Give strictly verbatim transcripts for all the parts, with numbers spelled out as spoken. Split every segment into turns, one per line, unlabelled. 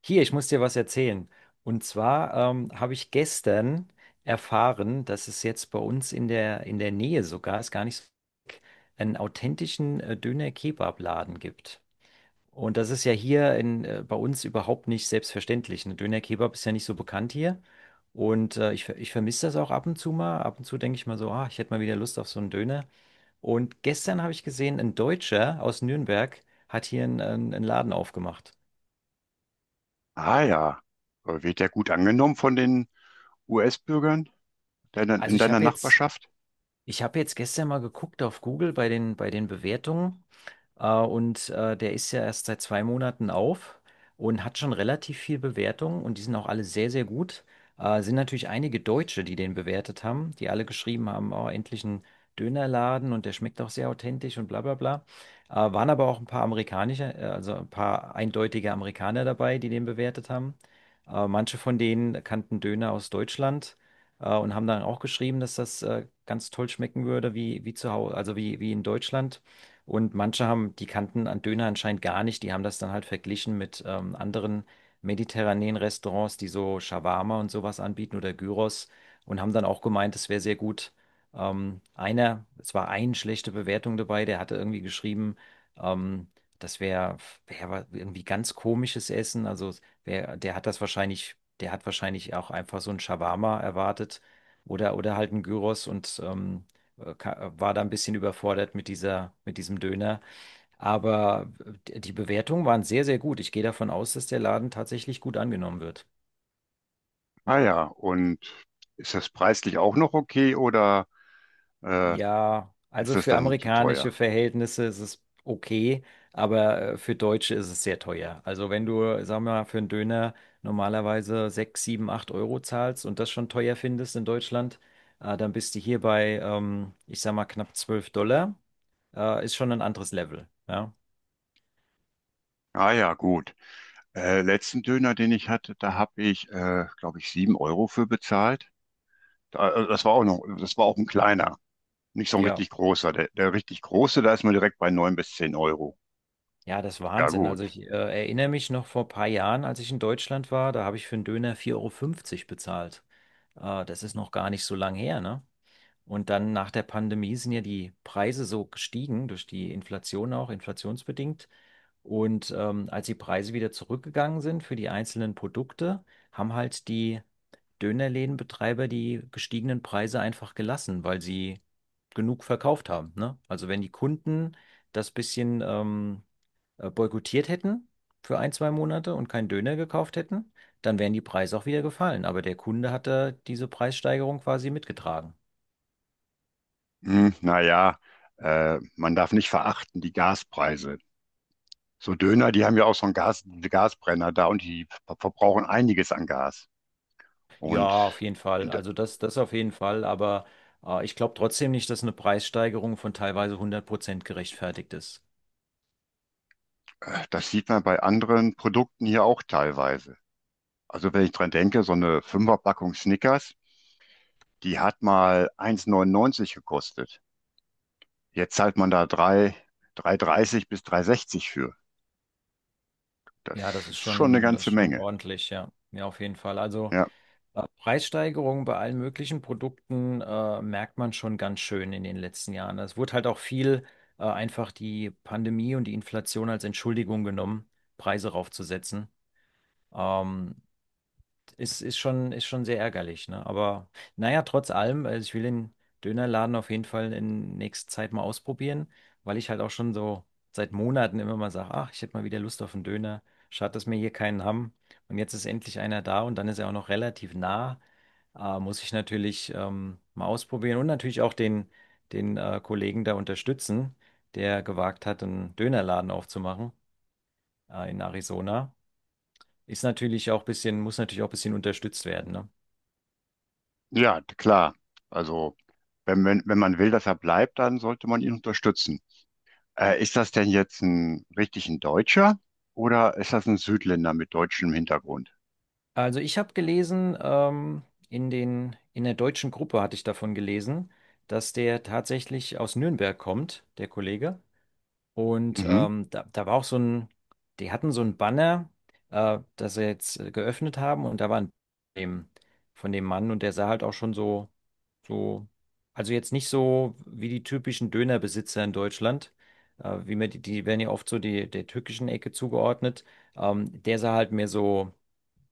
Hier, ich muss dir was erzählen. Und zwar ähm, habe ich gestern erfahren, dass es jetzt bei uns in der, in der Nähe sogar, ist gar nicht so weit, einen authentischen äh, Döner-Kebab-Laden gibt. Und das ist ja hier in, äh, bei uns überhaupt nicht selbstverständlich. Ein Döner-Kebab ist ja nicht so bekannt hier. Und äh, ich, ver- ich vermisse das auch ab und zu mal. Ab und zu denke ich mal so, ah, ich hätte mal wieder Lust auf so einen Döner. Und gestern habe ich gesehen, ein Deutscher aus Nürnberg hat hier einen, einen einen Laden aufgemacht.
Ah ja. Äh, wird der gut angenommen von den U S-Bürgern deiner, in
Also ich
deiner
habe jetzt
Nachbarschaft?
Ich habe jetzt gestern mal geguckt auf Google bei den, bei den Bewertungen. Äh, und äh, der ist ja erst seit zwei Monaten auf und hat schon relativ viel Bewertungen und die sind auch alle sehr, sehr gut. Äh, sind natürlich einige Deutsche, die den bewertet haben, die alle geschrieben haben, oh, endlich ein Dönerladen, und der schmeckt auch sehr authentisch und bla bla bla. Äh, waren aber auch ein paar amerikanische, äh, also ein paar eindeutige Amerikaner dabei, die den bewertet haben. Äh, manche von denen kannten Döner aus Deutschland. äh, Und haben dann auch geschrieben, dass das äh, ganz toll schmecken würde, wie, wie zu Hause, also wie, wie in Deutschland. Und manche haben, die kannten an Döner anscheinend gar nicht. Die haben das dann halt verglichen mit ähm, anderen mediterranen Restaurants, die so Shawarma und sowas anbieten oder Gyros, und haben dann auch gemeint, es wäre sehr gut. Ähm, einer, es war eine schlechte Bewertung dabei, der hatte irgendwie geschrieben, ähm, das wäre wär wär irgendwie ganz komisches Essen. Also wer, der hat das wahrscheinlich, der hat wahrscheinlich auch einfach so ein Shawarma erwartet, oder, oder halt ein Gyros, und ähm, äh, ka- äh, war da ein bisschen überfordert mit dieser, mit diesem Döner. Aber d- die Bewertungen waren sehr, sehr gut. Ich gehe davon aus, dass der Laden tatsächlich gut angenommen wird.
Ah ja, und ist das preislich auch noch okay oder äh,
Ja,
ist
also
das
für
dann zu
amerikanische
teuer?
Verhältnisse ist es okay, aber äh, für Deutsche ist es sehr teuer. Also wenn du, sagen wir mal, für einen Döner normalerweise sechs sieben acht Euro zahlst und das schon teuer findest in Deutschland, äh, dann bist du hier bei, ähm, ich sag mal, knapp zwölf Dollar. Äh, ist schon ein anderes Level. Ja,
Ah ja, gut. Äh, letzten Döner, den ich hatte, da habe ich, äh, glaube ich, sieben Euro für bezahlt. Da, äh, das war auch noch, das war auch ein kleiner, nicht so ein
ja.
richtig großer. Der, der richtig große, da ist man direkt bei neun bis zehn Euro.
Ja, das ist
Ja
Wahnsinn. Also
gut.
ich äh, erinnere mich noch, vor ein paar Jahren, als ich in Deutschland war, da habe ich für einen Döner vier Euro fünfzig bezahlt. Äh, das ist noch gar nicht so lang her, ne? Und dann nach der Pandemie sind ja die Preise so gestiegen, durch die Inflation auch, inflationsbedingt. Und ähm, als die Preise wieder zurückgegangen sind für die einzelnen Produkte, haben halt die Dönerlädenbetreiber die gestiegenen Preise einfach gelassen, weil sie genug verkauft haben. Ne? Also wenn die Kunden das bisschen ähm, äh, boykottiert hätten für ein, zwei Monate und keinen Döner gekauft hätten, dann wären die Preise auch wieder gefallen. Aber der Kunde hat da diese Preissteigerung quasi mitgetragen.
Hm, naja, äh, man darf nicht verachten die Gaspreise. So Döner, die haben ja auch so einen Gas, diese Gasbrenner da und die ver- verbrauchen einiges an Gas.
Ja, auf
Und
jeden
in,
Fall.
de-
Also das, das auf jeden Fall. Aber äh, ich glaube trotzdem nicht, dass eine Preissteigerung von teilweise hundert Prozent gerechtfertigt ist.
äh, das sieht man bei anderen Produkten hier auch teilweise. Also wenn ich dran denke, so eine Fünferpackung Snickers, die hat mal eins neunundneunzig gekostet. Jetzt zahlt man da drei, drei dreißig bis drei sechzig für.
Ja, das
Das
ist
ist schon eine
schon, das ist
ganze
schon
Menge.
ordentlich, ja. Ja, auf jeden Fall. Also
Ja,
ja, Preissteigerungen bei allen möglichen Produkten äh, merkt man schon ganz schön in den letzten Jahren. Es wurde halt auch viel äh, einfach die Pandemie und die Inflation als Entschuldigung genommen, Preise raufzusetzen. Ähm, ist, Ist schon, ist schon sehr ärgerlich, ne? Aber naja, trotz allem, also ich will den Dönerladen auf jeden Fall in nächster Zeit mal ausprobieren, weil ich halt auch schon so seit Monaten immer mal sage, ach, ich hätte mal wieder Lust auf einen Döner. Schade, dass wir hier keinen haben. Und jetzt ist endlich einer da und dann ist er auch noch relativ nah. Äh, muss ich natürlich ähm, mal ausprobieren und natürlich auch den, den äh, Kollegen da unterstützen, der gewagt hat, einen Dönerladen aufzumachen äh, in Arizona. Ist natürlich auch ein bisschen, muss natürlich auch ein bisschen unterstützt werden, ne?
ja, klar. Also wenn, wenn, wenn man will, dass er bleibt, dann sollte man ihn unterstützen. Äh, ist das denn jetzt ein richtig ein Deutscher oder ist das ein Südländer mit deutschem Hintergrund?
Also ich habe gelesen, ähm, in den, in der deutschen Gruppe hatte ich davon gelesen, dass der tatsächlich aus Nürnberg kommt, der Kollege. Und
Mhm.
ähm, da, da war auch so ein, die hatten so ein Banner, äh, das sie jetzt äh, geöffnet haben, und da war ein dem, von dem Mann, und der sah halt auch schon so, so, also jetzt nicht so wie die typischen Dönerbesitzer in Deutschland, äh, wie man die, die werden ja oft so die, der türkischen Ecke zugeordnet. Ähm, der sah halt mehr so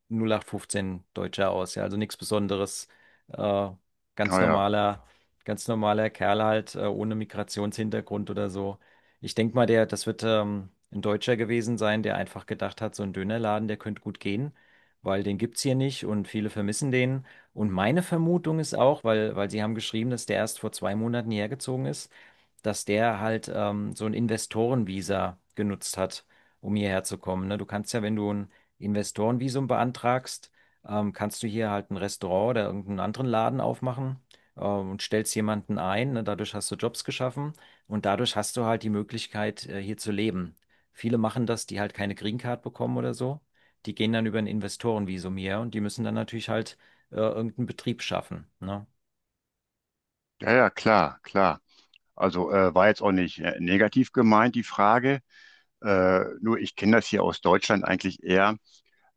null acht fünfzehn Deutscher aus, ja, also nichts Besonderes. Äh, ganz
Ah ja.
normaler, Ganz normaler Kerl halt, äh, ohne Migrationshintergrund oder so. Ich denke mal, der, das wird ähm, ein Deutscher gewesen sein, der einfach gedacht hat, so ein Dönerladen, der könnte gut gehen, weil den gibt's hier nicht und viele vermissen den. Und meine Vermutung ist auch, weil, weil sie haben geschrieben, dass der erst vor zwei Monaten hergezogen ist, dass der halt ähm, so ein Investorenvisa genutzt hat, um hierher zu kommen. Ne? Du kannst ja, wenn du ein Investorenvisum beantragst, ähm, kannst du hier halt ein Restaurant oder irgendeinen anderen Laden aufmachen, ähm, und stellst jemanden ein. Ne? Dadurch hast du Jobs geschaffen und dadurch hast du halt die Möglichkeit, äh, hier zu leben. Viele machen das, die halt keine Green Card bekommen oder so. Die gehen dann über ein Investorenvisum hier, und die müssen dann natürlich halt äh, irgendeinen Betrieb schaffen. Ne?
Ja, ja, klar, klar. Also äh, war jetzt auch nicht äh, negativ gemeint, die Frage. Äh, nur ich kenne das hier aus Deutschland eigentlich eher.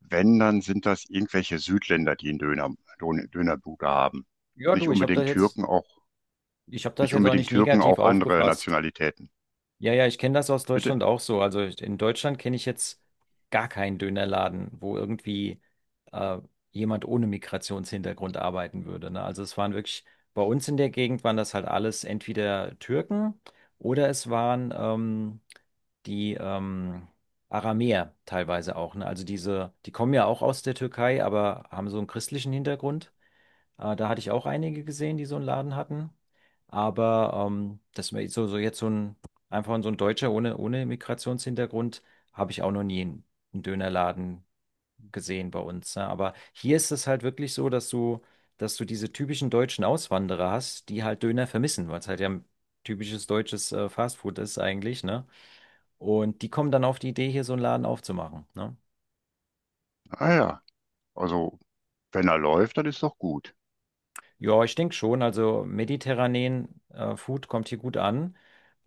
Wenn, dann sind das irgendwelche Südländer, die einen Döner, Dön- Dönerbude haben.
Ja,
Nicht
du, ich habe das
unbedingt
jetzt,
Türken, auch
ich habe das
nicht
jetzt auch
unbedingt
nicht
Türken,
negativ
auch andere
aufgefasst.
Nationalitäten.
Ja, ja, ich kenne das aus
Bitte?
Deutschland auch so. Also ich- in Deutschland kenne ich jetzt gar keinen Dönerladen, wo irgendwie äh, jemand ohne Migrationshintergrund arbeiten würde. Ne? Also es waren wirklich, bei uns in der Gegend waren das halt alles entweder Türken, oder es waren ähm, die ähm, Aramäer teilweise auch. Ne? Also diese, die kommen ja auch aus der Türkei, aber haben so einen christlichen Hintergrund. Äh, da hatte ich auch einige gesehen, die so einen Laden hatten. Aber ähm, dass man so, so jetzt so ein, einfach so ein Deutscher ohne, ohne Migrationshintergrund, habe ich auch noch nie einen, einen Dönerladen gesehen bei uns. Ne? Aber hier ist es halt wirklich so, dass du, dass du diese typischen deutschen Auswanderer hast, die halt Döner vermissen, weil es halt ja ein typisches deutsches äh, Fastfood ist eigentlich, ne? Und die kommen dann auf die Idee, hier so einen Laden aufzumachen, ne?
Ah ja. Also, wenn er läuft, dann ist doch gut.
Ja, ich denke schon. Also mediterranen äh, Food kommt hier gut an.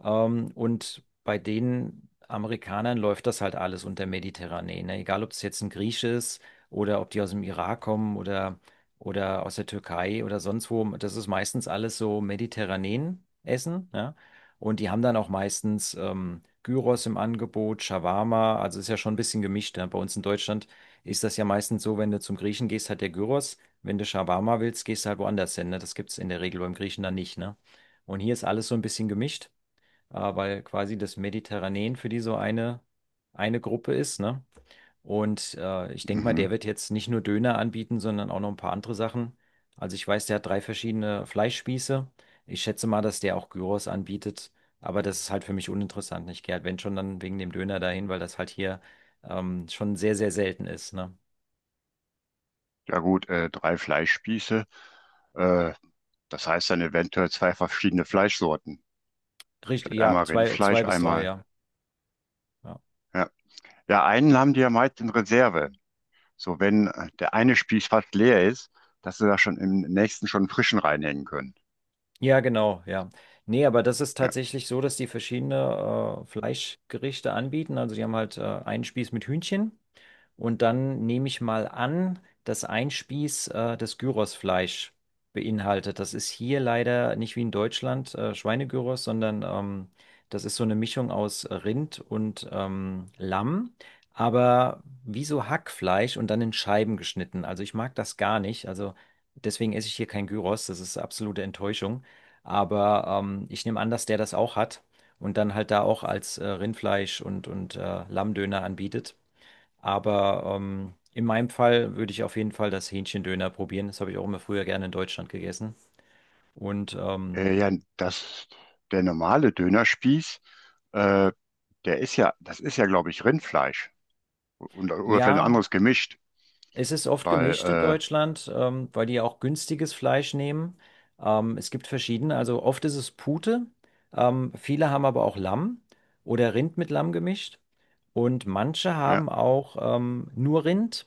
Ähm, und bei den Amerikanern läuft das halt alles unter mediterranen, ne? Egal, ob es jetzt ein Griech ist oder ob die aus dem Irak kommen, oder, oder aus der Türkei oder sonst wo. Das ist meistens alles so mediterranen Essen, ja? Und die haben dann auch meistens ähm, Gyros im Angebot, Shawarma. Also ist ja schon ein bisschen gemischt, ne? Bei uns in Deutschland ist das ja meistens so, wenn du zum Griechen gehst, hat der Gyros. Wenn du Shawarma willst, gehst du halt woanders hin. Ne? Das gibt es in der Regel beim Griechen dann nicht. Ne? Und hier ist alles so ein bisschen gemischt, äh, weil quasi das Mediterranean für die so eine, eine Gruppe ist. Ne? Und äh, ich denke mal, der
Mhm.
wird jetzt nicht nur Döner anbieten, sondern auch noch ein paar andere Sachen. Also ich weiß, der hat drei verschiedene Fleischspieße. Ich schätze mal, dass der auch Gyros anbietet. Aber das ist halt für mich uninteressant. Ich gehe halt, wenn schon, dann wegen dem Döner dahin, weil das halt hier ähm, schon sehr, sehr selten ist. Ne?
Ja gut, äh, drei Fleischspieße. Äh, das heißt dann eventuell zwei verschiedene Fleischsorten.
Richtig,
Vielleicht
ja,
einmal
zwei,
Rindfleisch,
zwei bis drei,
einmal.
ja. Ja.
Ja, ja einen haben die ja meist in Reserve. So, wenn äh, der eine Spieß fast leer ist, dass sie da schon im nächsten schon einen frischen reinhängen können.
Ja, genau, ja. Nee, aber das ist
Ja,
tatsächlich so, dass die verschiedene äh, Fleischgerichte anbieten. Also die haben halt äh, einen Spieß mit Hühnchen. Und dann nehme ich mal an, dass ein Spieß äh, das Gyrosfleisch beinhaltet. Das ist hier leider nicht wie in Deutschland, äh, Schweinegyros, sondern ähm, das ist so eine Mischung aus Rind und ähm, Lamm, aber wie so Hackfleisch und dann in Scheiben geschnitten. Also ich mag das gar nicht. Also deswegen esse ich hier kein Gyros. Das ist absolute Enttäuschung. Aber ähm, ich nehme an, dass der das auch hat und dann halt da auch als äh, Rindfleisch und, und äh, Lammdöner anbietet. Aber ähm, in meinem Fall würde ich auf jeden Fall das Hähnchendöner probieren. Das habe ich auch immer früher gerne in Deutschland gegessen. Und ähm,
äh, ja das, der normale Dönerspieß, äh, der ist ja, das ist ja, glaube ich, Rindfleisch. Und, oder vielleicht ein
ja,
anderes gemischt,
es ist oft gemischt in
weil,
Deutschland, ähm, weil die auch günstiges Fleisch nehmen. Ähm, es gibt verschiedene. Also oft ist es Pute. Ähm, viele haben aber auch Lamm oder Rind mit Lamm gemischt. Und manche
äh, ja,
haben auch ähm, nur Rind.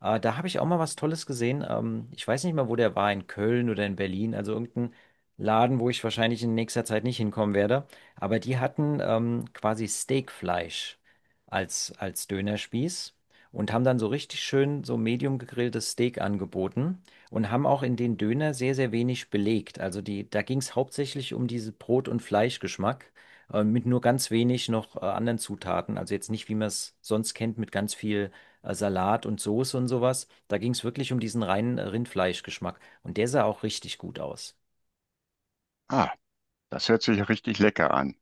Äh, da habe ich auch mal was Tolles gesehen. Ähm, ich weiß nicht mal, wo der war, in Köln oder in Berlin, also irgendein Laden, wo ich wahrscheinlich in nächster Zeit nicht hinkommen werde. Aber die hatten ähm, quasi Steakfleisch als, als Dönerspieß und haben dann so richtig schön so medium gegrilltes Steak angeboten und haben auch in den Döner sehr, sehr wenig belegt. Also die, da ging es hauptsächlich um diesen Brot- und Fleischgeschmack. äh, Mit nur ganz wenig noch äh, anderen Zutaten. Also jetzt nicht, wie man es sonst kennt, mit ganz viel äh, Salat und Soße und sowas. Da ging es wirklich um diesen reinen äh, Rindfleischgeschmack. Und der sah auch richtig gut aus.
ah, das hört sich richtig lecker an.